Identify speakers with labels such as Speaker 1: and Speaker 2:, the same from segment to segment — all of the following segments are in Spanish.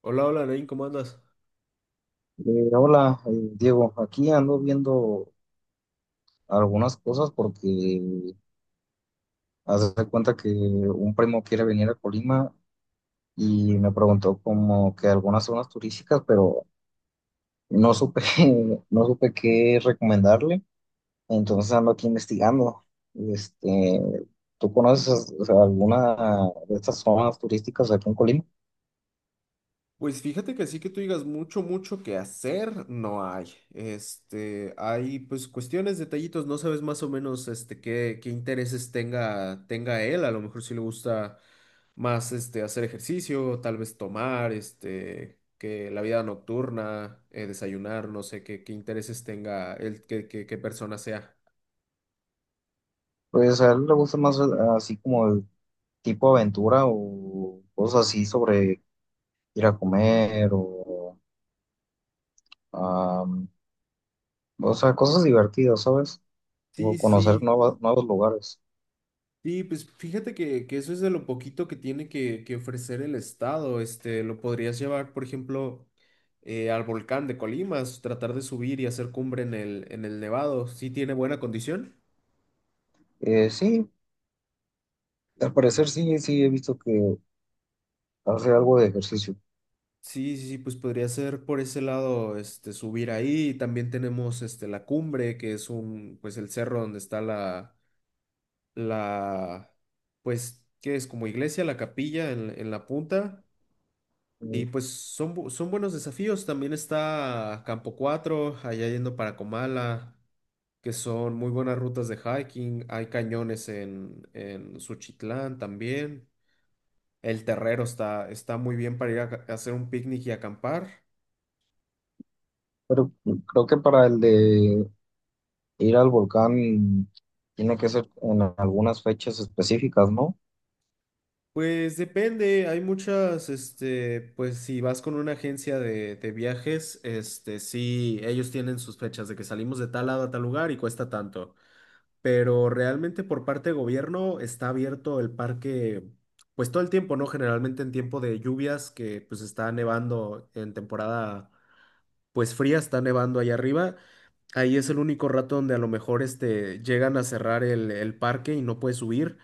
Speaker 1: Hola, hola, Nain, ¿cómo andas?
Speaker 2: Eh, hola, Diego. Aquí ando viendo algunas cosas porque haz de cuenta que un primo quiere venir a Colima y me preguntó como que algunas zonas turísticas, pero no supe, no supe qué recomendarle. Entonces ando aquí investigando. Este, ¿Tú conoces, o sea, alguna de estas zonas turísticas aquí en Colima?
Speaker 1: Pues fíjate que así que tú digas mucho, mucho que hacer, no hay. Hay pues cuestiones, detallitos, no sabes más o menos qué, intereses tenga, tenga él. A lo mejor si le gusta más hacer ejercicio, tal vez tomar, que la vida nocturna, desayunar, no sé qué, intereses tenga él, qué, qué, qué persona sea.
Speaker 2: Pues a él le gusta más así como el tipo aventura o cosas así sobre ir a comer o Am, o sea, cosas divertidas, ¿sabes? O
Speaker 1: Sí, sí, sí.
Speaker 2: nuevos lugares.
Speaker 1: Sí, pues fíjate que eso es de lo poquito que tiene que ofrecer el Estado. Lo podrías llevar, por ejemplo, al volcán de Colimas, tratar de subir y hacer cumbre en el Nevado. ¿Sí tiene buena condición?
Speaker 2: Sí, al parecer sí, sí he visto que hace algo de ejercicio.
Speaker 1: Sí, sí, sí, pues podría ser por ese lado, subir ahí. También tenemos, la cumbre, que es un, pues el cerro donde está la, la, pues, ¿qué es? Como iglesia, la capilla en la punta.
Speaker 2: Mm.
Speaker 1: Y pues son, son buenos desafíos. También está Campo 4 allá yendo para Comala, que son muy buenas rutas de hiking. Hay cañones en Suchitlán también. El Terrero está, está muy bien para ir a, a hacer un picnic y acampar.
Speaker 2: Pero creo que para el de ir al volcán tiene que ser en algunas fechas específicas, ¿no?
Speaker 1: Pues depende, hay muchas, pues si vas con una agencia de viajes, sí, ellos tienen sus fechas de que salimos de tal lado a tal lugar y cuesta tanto. Pero realmente por parte de gobierno está abierto el parque, pues todo el tiempo, ¿no? Generalmente en tiempo de lluvias, que pues está nevando en temporada, pues fría, está nevando allá arriba. Ahí es el único rato donde a lo mejor llegan a cerrar el parque y no puedes subir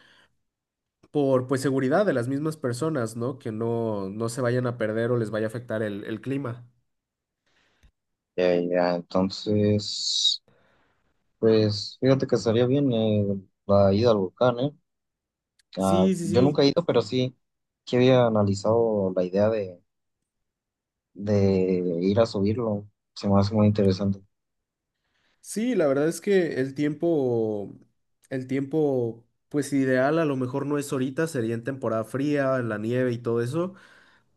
Speaker 1: por pues seguridad de las mismas personas, ¿no? Que no, no se vayan a perder o les vaya a afectar el clima.
Speaker 2: Ya, ya, entonces, pues fíjate que estaría bien la ida al volcán, ¿eh? Ah,
Speaker 1: Sí, sí,
Speaker 2: yo nunca
Speaker 1: sí.
Speaker 2: he ido, pero sí que había analizado la idea de ir a subirlo. Se me hace muy interesante.
Speaker 1: Sí, la verdad es que el tiempo, pues ideal a lo mejor no es ahorita, sería en temporada fría, en la nieve y todo eso,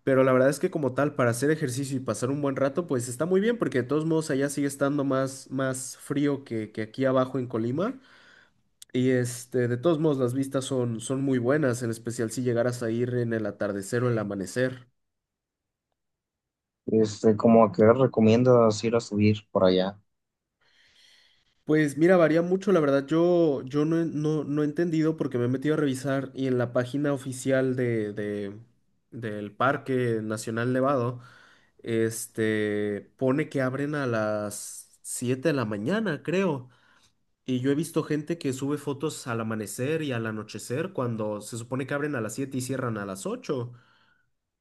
Speaker 1: pero la verdad es que como tal, para hacer ejercicio y pasar un buen rato, pues está muy bien, porque de todos modos allá sigue estando más, más frío que aquí abajo en Colima, y de todos modos las vistas son, son muy buenas, en especial si llegaras a ir en el atardecer o el amanecer.
Speaker 2: Este, como ¿a qué hora recomiendas ir a subir por allá?
Speaker 1: Pues mira, varía mucho, la verdad. Yo no, no, no he entendido porque me he metido a revisar y en la página oficial de, del Parque Nacional Nevado, pone que abren a las 7 de la mañana, creo. Y yo he visto gente que sube fotos al amanecer y al anochecer cuando se supone que abren a las 7 y cierran a las 8.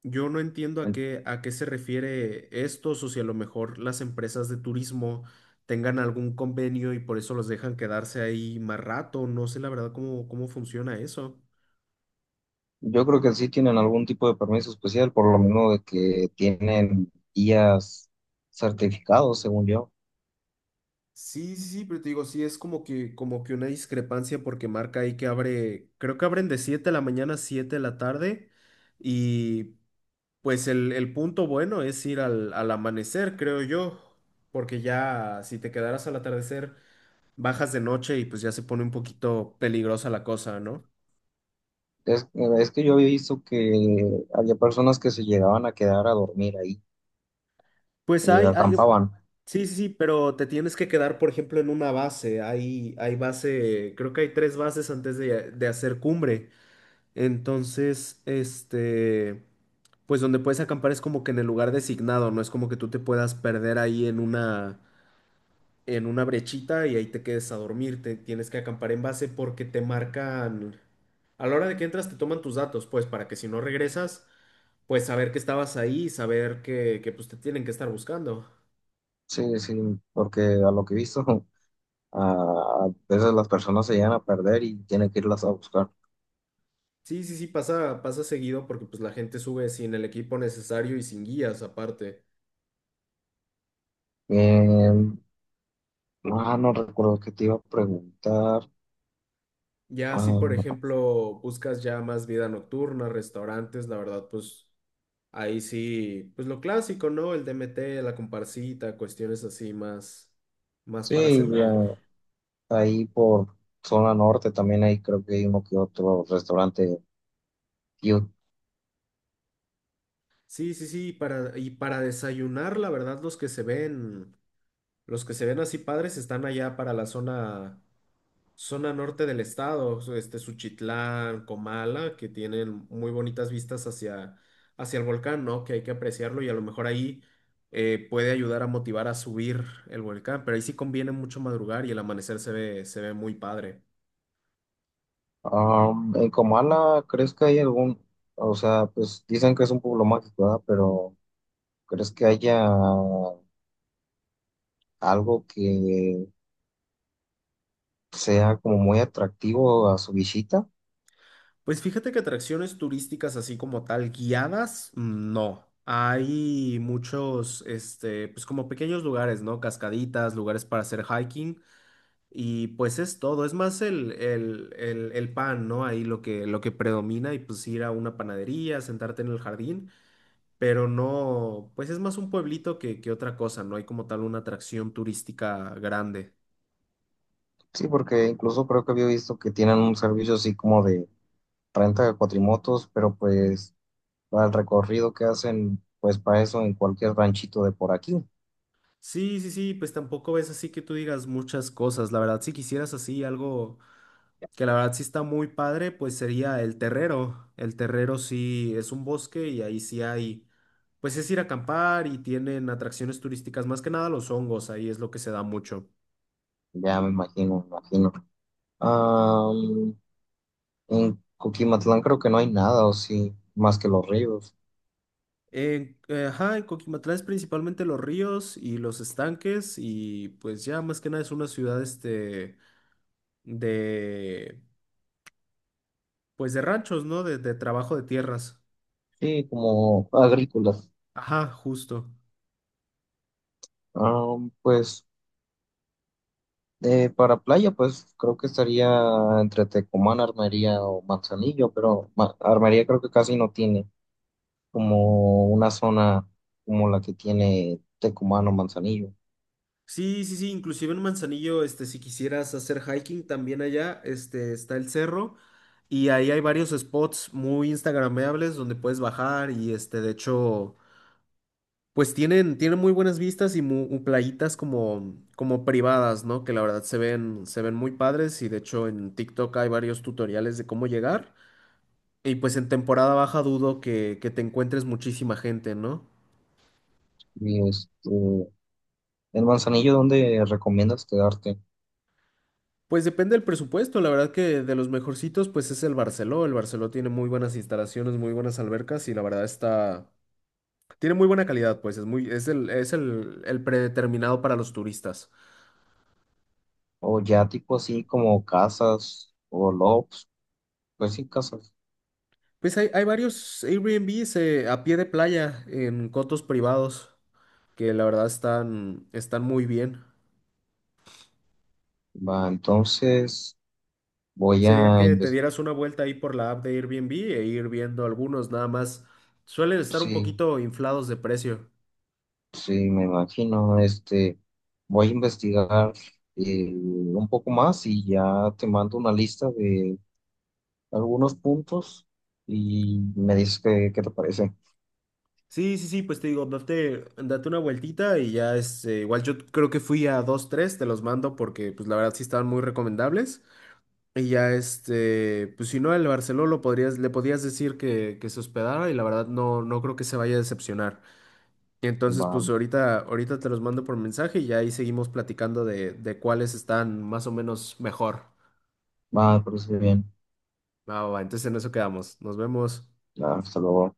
Speaker 1: Yo no entiendo
Speaker 2: En-
Speaker 1: a qué se refiere esto, o si a lo mejor las empresas de turismo tengan algún convenio y por eso los dejan quedarse ahí más rato. No sé la verdad cómo, cómo funciona eso.
Speaker 2: Yo creo que sí tienen algún tipo de permiso especial, por lo mismo de que tienen guías certificados, según yo.
Speaker 1: Sí, sí, sí, pero te digo, sí, es como que una discrepancia porque marca ahí que abre, creo que abren de 7 de la mañana a 7 de la tarde y pues el punto bueno es ir al, al amanecer, creo yo, porque ya si te quedaras al atardecer, bajas de noche y pues ya se pone un poquito peligrosa la cosa, ¿no?
Speaker 2: Es, es que yo había visto que había personas que se llegaban a quedar a dormir ahí
Speaker 1: Pues
Speaker 2: y
Speaker 1: hay,
Speaker 2: acampaban.
Speaker 1: sí, sí, sí, pero te tienes que quedar, por ejemplo, en una base. Hay base, creo que hay tres bases antes de hacer cumbre. Entonces, pues donde puedes acampar es como que en el lugar designado, no es como que tú te puedas perder ahí en una brechita y ahí te quedes a dormir. Te tienes que acampar en base porque te marcan, a la hora de que entras te toman tus datos, pues para que si no regresas, pues saber que estabas ahí, saber que pues te tienen que estar buscando.
Speaker 2: Sí, sí, porque a lo que he visto, a, a veces las personas se llegan a perder y tienen que irlas a buscar.
Speaker 1: Sí, sí, sí, pasa, pasa seguido porque pues la gente sube sin el equipo necesario y sin guías aparte.
Speaker 2: Eh, Ah, no recuerdo que te iba a preguntar.
Speaker 1: Ya si
Speaker 2: Ah,
Speaker 1: por ejemplo buscas ya más vida nocturna, restaurantes, la verdad pues ahí sí, pues lo clásico, ¿no? El DMT, la comparsita, cuestiones así más, más para
Speaker 2: sí, ya,
Speaker 1: cenar.
Speaker 2: ahí por zona norte también hay, creo que hay uno que otro restaurante cute.
Speaker 1: Sí, sí, sí, para, y para desayunar, la verdad los que se ven, los que se ven así padres están allá para la zona, zona norte del estado, este Suchitlán, Comala, que tienen muy bonitas vistas hacia, hacia el volcán, ¿no? Que hay que apreciarlo y a lo mejor ahí puede ayudar a motivar a subir el volcán, pero ahí sí conviene mucho madrugar y el amanecer se ve muy padre.
Speaker 2: Am, en Comala, ¿crees que hay algún, o sea, pues dicen que es un pueblo mágico, ¿verdad? Pero ¿crees que haya algo que sea como muy atractivo a su visita?
Speaker 1: Pues fíjate que atracciones turísticas así como tal, guiadas, no. Hay muchos, pues como pequeños lugares, ¿no? Cascaditas, lugares para hacer hiking. Y pues es todo, es más el pan, ¿no? Ahí lo que predomina y pues ir a una panadería, sentarte en el jardín, pero no, pues es más un pueblito que otra cosa, no hay como tal una atracción turística grande.
Speaker 2: Sí, porque incluso creo que había visto que tienen un servicio así como de renta de cuatrimotos, pero pues para el recorrido que hacen, pues para eso en cualquier ranchito de por aquí,
Speaker 1: Sí, sí, sí, pues tampoco es así que tú digas muchas cosas, la verdad, si quisieras así algo que la verdad sí está muy padre, pues sería el Terrero. El Terrero sí es un bosque y ahí sí hay, pues es ir a acampar y tienen atracciones turísticas, más que nada los hongos, ahí es lo que se da mucho.
Speaker 2: ya me imagino, me imagino. Am, en Coquimatlán creo que no hay nada, o sí, más que los ríos,
Speaker 1: Ajá, en Coquimatlán es principalmente los ríos y los estanques y pues ya más que nada es una ciudad de, pues de ranchos, ¿no? De trabajo de tierras.
Speaker 2: sí, como agrícolas.
Speaker 1: Ajá, justo.
Speaker 2: Am, pues para playa, pues creo que estaría entre Tecomán, Armería o Manzanillo, pero Armería creo que casi no tiene como una zona como la que tiene Tecomán o Manzanillo.
Speaker 1: Sí, sí, sí, inclusive en Manzanillo, si quisieras hacer hiking también allá, está el cerro y ahí hay varios spots muy instagrameables donde puedes bajar y de hecho, pues tienen, tienen muy buenas vistas y muy, playitas como, como privadas, ¿no? Que la verdad se ven muy padres y de hecho en TikTok hay varios tutoriales de cómo llegar y pues en temporada baja dudo que te encuentres muchísima gente, ¿no?
Speaker 2: Y este, En Manzanillo, ¿dónde recomiendas quedarte?
Speaker 1: Pues depende del presupuesto, la verdad que de los mejorcitos pues es el Barceló tiene muy buenas instalaciones, muy buenas albercas y la verdad está, tiene muy buena calidad pues, es muy, es el, es el predeterminado para los turistas.
Speaker 2: O ya tipo así como casas o lofts, pues sí, casas.
Speaker 1: Pues hay varios Airbnbs a pie de playa en cotos privados que la verdad están, están muy bien.
Speaker 2: Va, entonces voy
Speaker 1: Sería
Speaker 2: a
Speaker 1: que te
Speaker 2: investigar,
Speaker 1: dieras una vuelta ahí por la app de Airbnb e ir viendo algunos nada más, suelen estar un
Speaker 2: sí,
Speaker 1: poquito inflados de precio.
Speaker 2: sí, me imagino, este, voy a investigar un poco más y ya te mando una lista de algunos puntos y me dices qué, qué te parece.
Speaker 1: Sí, sí, sí, pues te digo, date, date una vueltita y ya es, igual yo creo que fui a dos, tres, te los mando porque pues la verdad sí estaban muy recomendables y ya pues si no, el Barceló lo podrías, le podías decir que se hospedara y la verdad no, no creo que se vaya a decepcionar. Entonces pues
Speaker 2: Va,
Speaker 1: ahorita, ahorita te los mando por mensaje y ya ahí seguimos platicando de cuáles están más o menos mejor.
Speaker 2: va, me parece bien.
Speaker 1: Va, va, va, entonces en eso quedamos, nos vemos.
Speaker 2: Hasta luego.